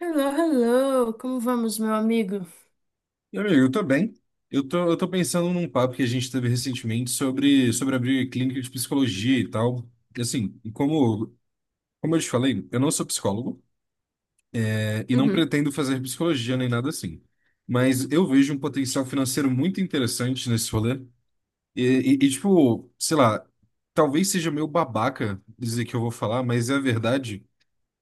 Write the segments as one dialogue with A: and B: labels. A: Hello, hello, como vamos, meu amigo?
B: E, amigo, eu tô bem. Eu tô pensando num papo que a gente teve recentemente sobre abrir clínica de psicologia e tal. E, assim, como eu te falei, eu não sou psicólogo, e não
A: Uhum.
B: pretendo fazer psicologia nem nada assim. Mas eu vejo um potencial financeiro muito interessante nesse rolê. E, e, tipo, sei lá, talvez seja meio babaca dizer que eu vou falar, mas é a verdade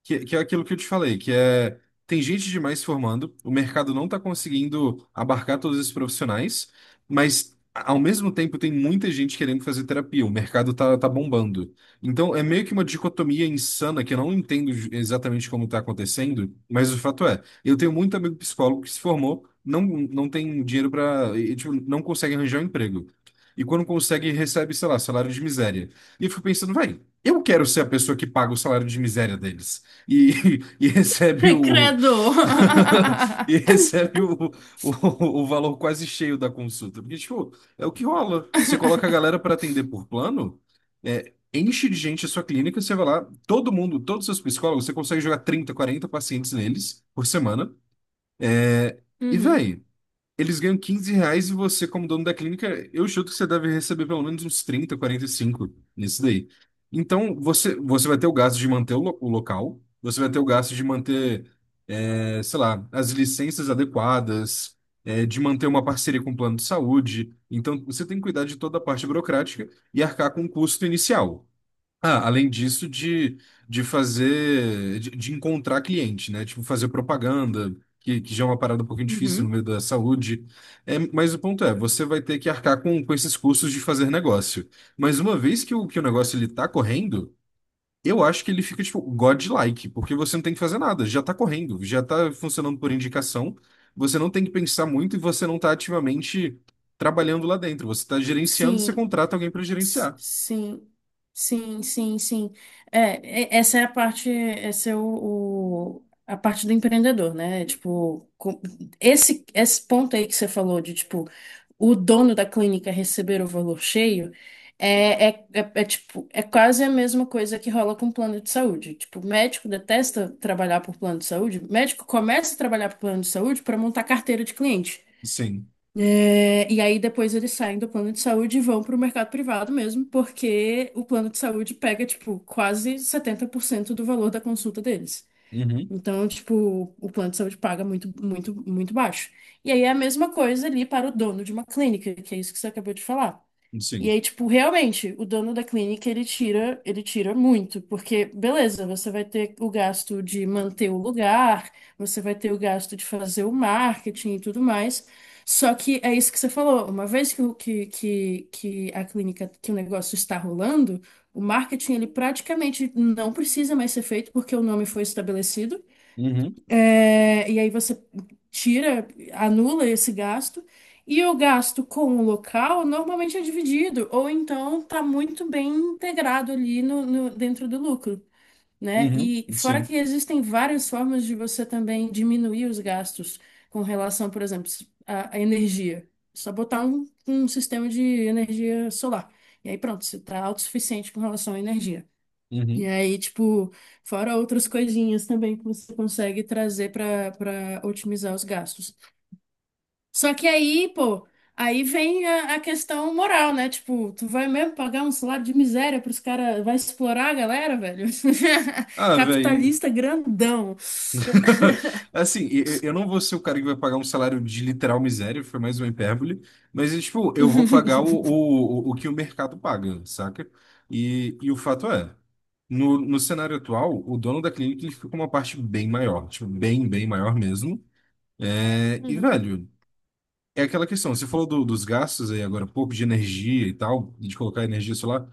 B: que é aquilo que eu te falei, que é tem gente demais se formando, o mercado não está conseguindo abarcar todos esses profissionais, mas ao mesmo tempo tem muita gente querendo fazer terapia, o mercado tá bombando. Então é meio que uma dicotomia insana que eu não entendo exatamente como está acontecendo, mas o fato é, eu tenho muito amigo psicólogo que se formou, não, não tem dinheiro para, tipo, não consegue arranjar um emprego. E quando consegue, recebe, sei lá, salário de miséria. E eu fico pensando, vai, eu quero ser a pessoa que paga o salário de miséria deles, e, e recebe
A: Ai,
B: o
A: credo!
B: e recebe o valor quase cheio da consulta. Porque, tipo, é o que rola. Você coloca a galera para atender por plano, enche de gente a sua clínica, você vai lá, todo mundo, todos os seus psicólogos, você consegue jogar 30 40 pacientes neles por semana. E,
A: Uhum,
B: véi, eles ganham 15 reais e você, como dono da clínica, eu chuto que você deve receber pelo menos uns 30, 45 nisso daí. Então, você, você vai ter o gasto de manter o local, você vai ter o gasto de manter, sei lá, as licenças adequadas, de manter uma parceria com o plano de saúde. Então, você tem que cuidar de toda a parte burocrática e arcar com o custo inicial. Ah, além disso, de fazer, de encontrar cliente, né? Tipo, fazer propaganda, que já é uma parada um pouquinho difícil no
A: uhum.
B: meio da saúde. É, mas o ponto é, você vai ter que arcar com esses custos de fazer negócio. Mas uma vez que o negócio ele tá correndo, eu acho que ele fica, tipo, godlike, porque você não tem que fazer nada, já tá correndo, já tá funcionando por indicação, você não tem que pensar muito e você não tá ativamente trabalhando lá dentro. Você tá gerenciando, você
A: Sim,
B: contrata alguém para gerenciar.
A: sim, sim, sim, sim. É, essa é a parte, essa é o- a parte do empreendedor, né? Tipo, esse ponto aí que você falou de, tipo, o dono da clínica receber o valor cheio tipo, é quase a mesma coisa que rola com plano de saúde. Tipo, o médico detesta trabalhar por plano de saúde, o médico começa a trabalhar por plano de saúde para montar carteira de cliente.
B: Sim.
A: É, e aí depois eles saem do plano de saúde e vão para o mercado privado mesmo, porque o plano de saúde pega, tipo, quase 70% do valor da consulta deles.
B: Uhum.
A: Então, tipo, o plano de saúde paga muito, muito, muito baixo. E aí é a mesma coisa ali para o dono de uma clínica, que é isso que você acabou de falar. E
B: Sim.
A: aí, tipo, realmente, o dono da clínica, ele tira muito, porque, beleza, você vai ter o gasto de manter o lugar, você vai ter o gasto de fazer o marketing e tudo mais. Só que é isso que você falou, uma vez que, o negócio está rolando, o marketing, ele praticamente não precisa mais ser feito porque o nome foi estabelecido.
B: Uhum,
A: É, e aí você tira, anula esse gasto. E o gasto com o local normalmente é dividido, ou então está muito bem integrado ali dentro do lucro, né?
B: uhum,
A: E fora que
B: sim.
A: existem várias formas de você também diminuir os gastos com relação, por exemplo, à energia. Só botar um sistema de energia solar. E aí pronto, você está autossuficiente com relação à energia. E
B: Uhum.
A: aí, tipo, fora outras coisinhas também que você consegue trazer para otimizar os gastos. Só que aí, pô, aí vem a questão moral, né? Tipo, tu vai mesmo pagar um salário de miséria pros caras, vai explorar a galera, velho?
B: Ah, velho.
A: Capitalista grandão.
B: Assim, eu não vou ser o cara que vai pagar um salário de literal miséria, foi mais uma hipérbole, mas, é, tipo, eu vou pagar o, o, o o que o mercado paga, saca? E, o fato é, no cenário atual, o dono da clínica ele fica com uma parte bem maior, tipo, bem, bem maior mesmo. É, e,
A: Uhum,
B: velho, é aquela questão, você falou dos gastos aí agora há pouco, de energia e tal, de colocar energia solar.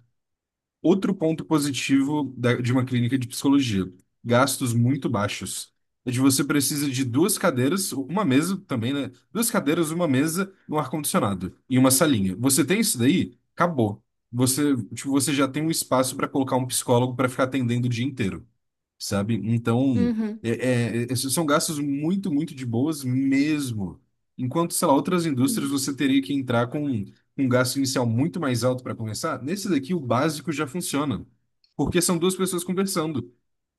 B: Outro ponto positivo de uma clínica de psicologia: gastos muito baixos. É de você precisa de duas cadeiras, uma mesa também, né? Duas cadeiras, uma mesa, um ar-condicionado e uma salinha. Você tem isso daí? Acabou. Você, tipo, você já tem um espaço para colocar um psicólogo para ficar atendendo o dia inteiro, sabe? Então, esses são gastos muito, muito de boas mesmo. Enquanto, sei lá, outras indústrias você teria que entrar com um gasto inicial muito mais alto para começar, nesse daqui o básico já funciona, porque são duas pessoas conversando.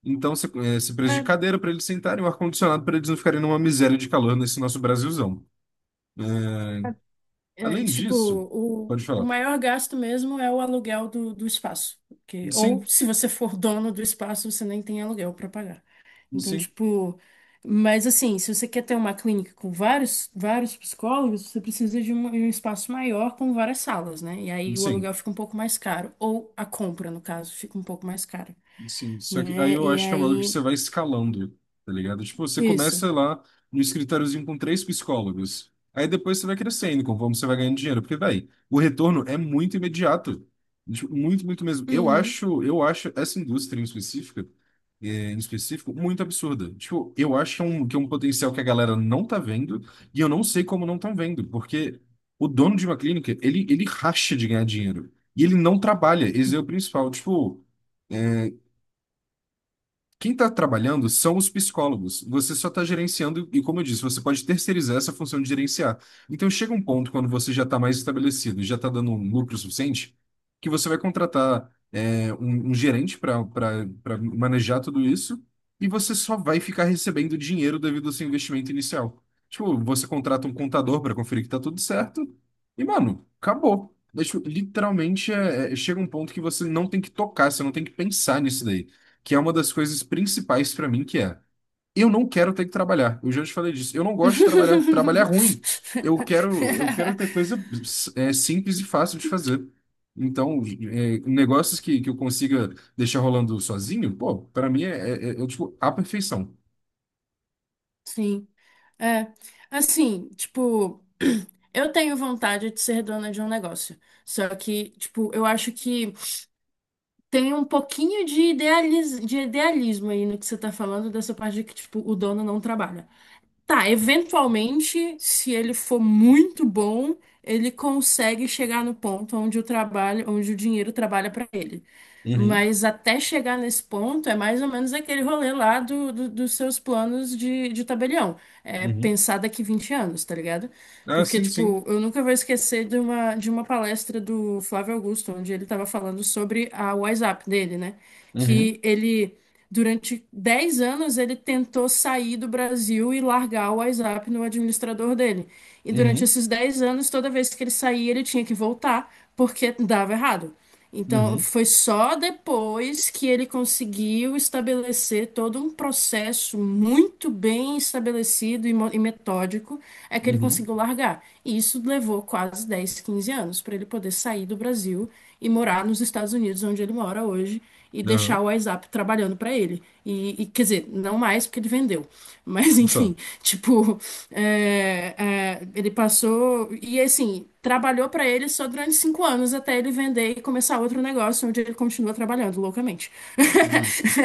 B: Então, você precisa de
A: uhum.
B: cadeira para eles sentarem, um ar-condicionado para eles não ficarem numa miséria de calor nesse nosso Brasilzão. É,
A: É,
B: além
A: tipo,
B: disso,
A: o,
B: pode
A: o
B: falar.
A: maior gasto mesmo é o aluguel do espaço. Porque, ou
B: Sim,
A: se você for dono do espaço, você nem tem aluguel para pagar. Então,
B: sim,
A: tipo, mas assim, se você quer ter uma clínica com vários, vários psicólogos, você precisa de um espaço maior com várias salas, né? E aí o
B: sim.
A: aluguel fica um pouco mais caro. Ou a compra, no caso, fica um pouco mais cara,
B: Sim, só que aí
A: né?
B: eu
A: E
B: acho que é uma coisa que você
A: aí,
B: vai escalando, tá ligado? Tipo, você
A: isso.
B: começa lá no escritóriozinho com três psicólogos. Aí depois você vai crescendo, conforme você vai ganhando dinheiro. Porque, véi, o retorno é muito imediato. Tipo, muito, muito mesmo. Eu
A: Uhum.
B: acho, eu acho essa indústria em específica, em específico, muito absurda. Tipo, eu acho que é um potencial que a galera não tá vendo, e eu não sei como não estão vendo, porque o dono de uma clínica, ele racha de ganhar dinheiro. E ele não trabalha, esse é o principal. Tipo, quem está trabalhando são os psicólogos. Você só está gerenciando, e como eu disse, você pode terceirizar essa função de gerenciar. Então chega um ponto quando você já está mais estabelecido, já está dando um lucro suficiente, que você vai contratar um gerente para manejar tudo isso, e você só vai ficar recebendo dinheiro devido ao seu investimento inicial. Tipo, você contrata um contador para conferir que está tudo certo, e mano, acabou. Mas, tipo, literalmente chega um ponto que você não tem que tocar, você não tem que pensar nisso daí que é uma das coisas principais pra mim, que é eu não quero ter que trabalhar. Eu já te falei disso. Eu não gosto de trabalhar. Trabalhar é ruim. Eu quero ter coisa simples e fácil de fazer. Então, negócios que eu consiga deixar rolando sozinho, pô, pra mim tipo a perfeição.
A: Sim. É, assim, tipo, eu tenho vontade de ser dona de um negócio. Só que, tipo, eu acho que tem um pouquinho de idealismo aí no que você tá falando, dessa parte de que, tipo, o dono não trabalha. Tá, eventualmente, se ele for muito bom, ele consegue chegar no ponto onde o dinheiro trabalha pra ele.
B: Uhum,
A: Mas até chegar nesse ponto, é mais ou menos aquele rolê lá dos seus planos de tabelião. É
B: uhum,
A: pensar daqui 20 anos, tá ligado?
B: ah,
A: Porque,
B: sim,
A: tipo,
B: sim.
A: eu nunca vou esquecer de uma palestra do Flávio Augusto, onde ele tava falando sobre a WhatsApp dele, né?
B: Uhum,
A: Que ele, durante 10 anos, ele tentou sair do Brasil e largar o WhatsApp no administrador dele. E durante
B: uhum,
A: esses 10 anos, toda vez que ele saía, ele tinha que voltar, porque dava errado. Então,
B: uhum,
A: foi só depois que ele conseguiu estabelecer todo um processo muito bem estabelecido e metódico, é que ele
B: uhum.
A: conseguiu largar. E isso levou quase 10, 15 anos para ele poder sair do Brasil e morar nos Estados Unidos, onde ele mora hoje e
B: Aham.
A: deixar o WhatsApp trabalhando para ele. Quer dizer, não mais porque ele vendeu. Mas
B: Só.
A: enfim, tipo, é, ele passou e assim, trabalhou para ele só durante 5 anos até ele vender e começar outro negócio onde ele continua trabalhando loucamente.
B: Justo.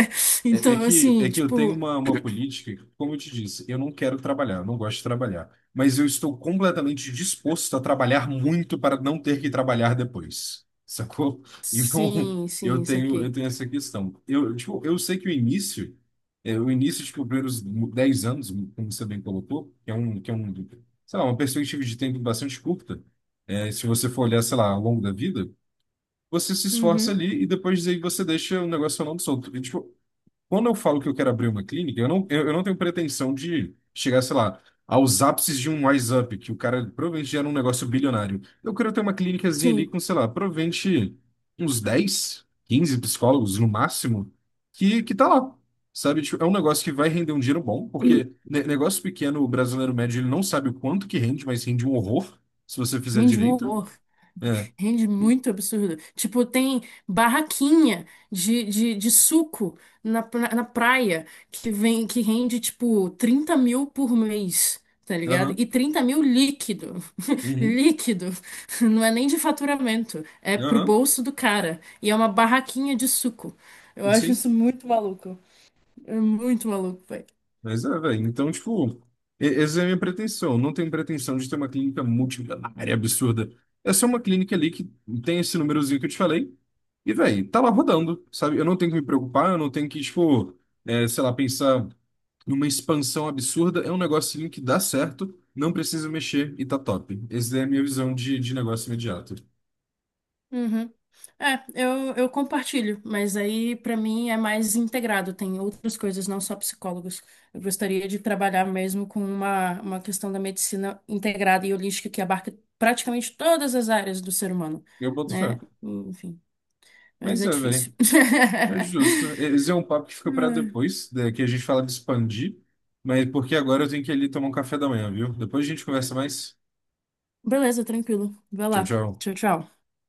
B: É, é
A: Então,
B: que,
A: assim,
B: é que eu tenho
A: tipo,
B: uma política, que, como eu te disse, eu não quero trabalhar, eu não gosto de trabalhar. Mas eu estou completamente disposto a trabalhar muito para não ter que trabalhar depois, sacou? Então,
A: sim, sim,
B: eu
A: isso
B: tenho, eu
A: aqui.
B: tenho essa questão. Eu, tipo, eu sei que o início, tipo, os primeiros 10 anos, como você bem colocou, que é um, sei lá, uma perspectiva de tempo bastante curta, se você for olhar, sei lá, ao longo da vida, você se esforça
A: Uhum,
B: ali e depois aí você deixa o negócio falando solto. E, tipo, quando eu falo que eu quero abrir uma clínica, eu não tenho pretensão de chegar, sei lá, aos ápices de um Wise Up, que o cara provavelmente já era um negócio bilionário. Eu quero ter uma clínicazinha ali
A: sim.
B: com, sei lá, provavelmente uns 10, 15 psicólogos no máximo, que tá lá. Sabe, tipo, é um negócio que vai render um dinheiro bom, porque negócio pequeno, o brasileiro médio, ele não sabe o quanto que rende, mas rende um horror, se você fizer
A: Rende um
B: direito.
A: horror.
B: É.
A: Rende muito absurdo. Tipo, tem barraquinha de suco na praia que vem que rende, tipo, 30 mil por mês, tá ligado?
B: Aham.
A: E 30 mil líquido.
B: Uhum.
A: Líquido. Não é nem de faturamento. É pro
B: Aham.
A: bolso do cara. E é uma barraquinha de suco. Eu acho
B: Sim.
A: isso muito maluco. É muito maluco.
B: Mas é, velho. Então, tipo, essa é a minha pretensão. Não tenho pretensão de ter uma clínica multimilionária absurda. É só uma clínica ali que tem esse númerozinho que eu te falei. E, velho, tá lá rodando, sabe? Eu não tenho que me preocupar, eu não tenho que, tipo, sei lá, pensar numa expansão absurda. É um negocinho que dá certo, não precisa mexer e tá top. Essa é a minha visão de negócio imediato.
A: Uhum. É, eu compartilho, mas aí pra mim é mais integrado, tem outras coisas, não só psicólogos. Eu gostaria de trabalhar mesmo com uma questão da medicina integrada e holística que abarca praticamente todas as áreas do ser humano,
B: Eu boto fé.
A: né? Enfim, mas
B: Mas
A: é
B: é,
A: difícil.
B: velho. É justo. Esse é um papo que fica para depois, né, que a gente fala de expandir, mas porque agora eu tenho que ir ali tomar um café da manhã, viu? Depois a gente conversa mais.
A: Beleza, tranquilo. Vai
B: Tchau,
A: lá.
B: tchau.
A: Tchau, tchau.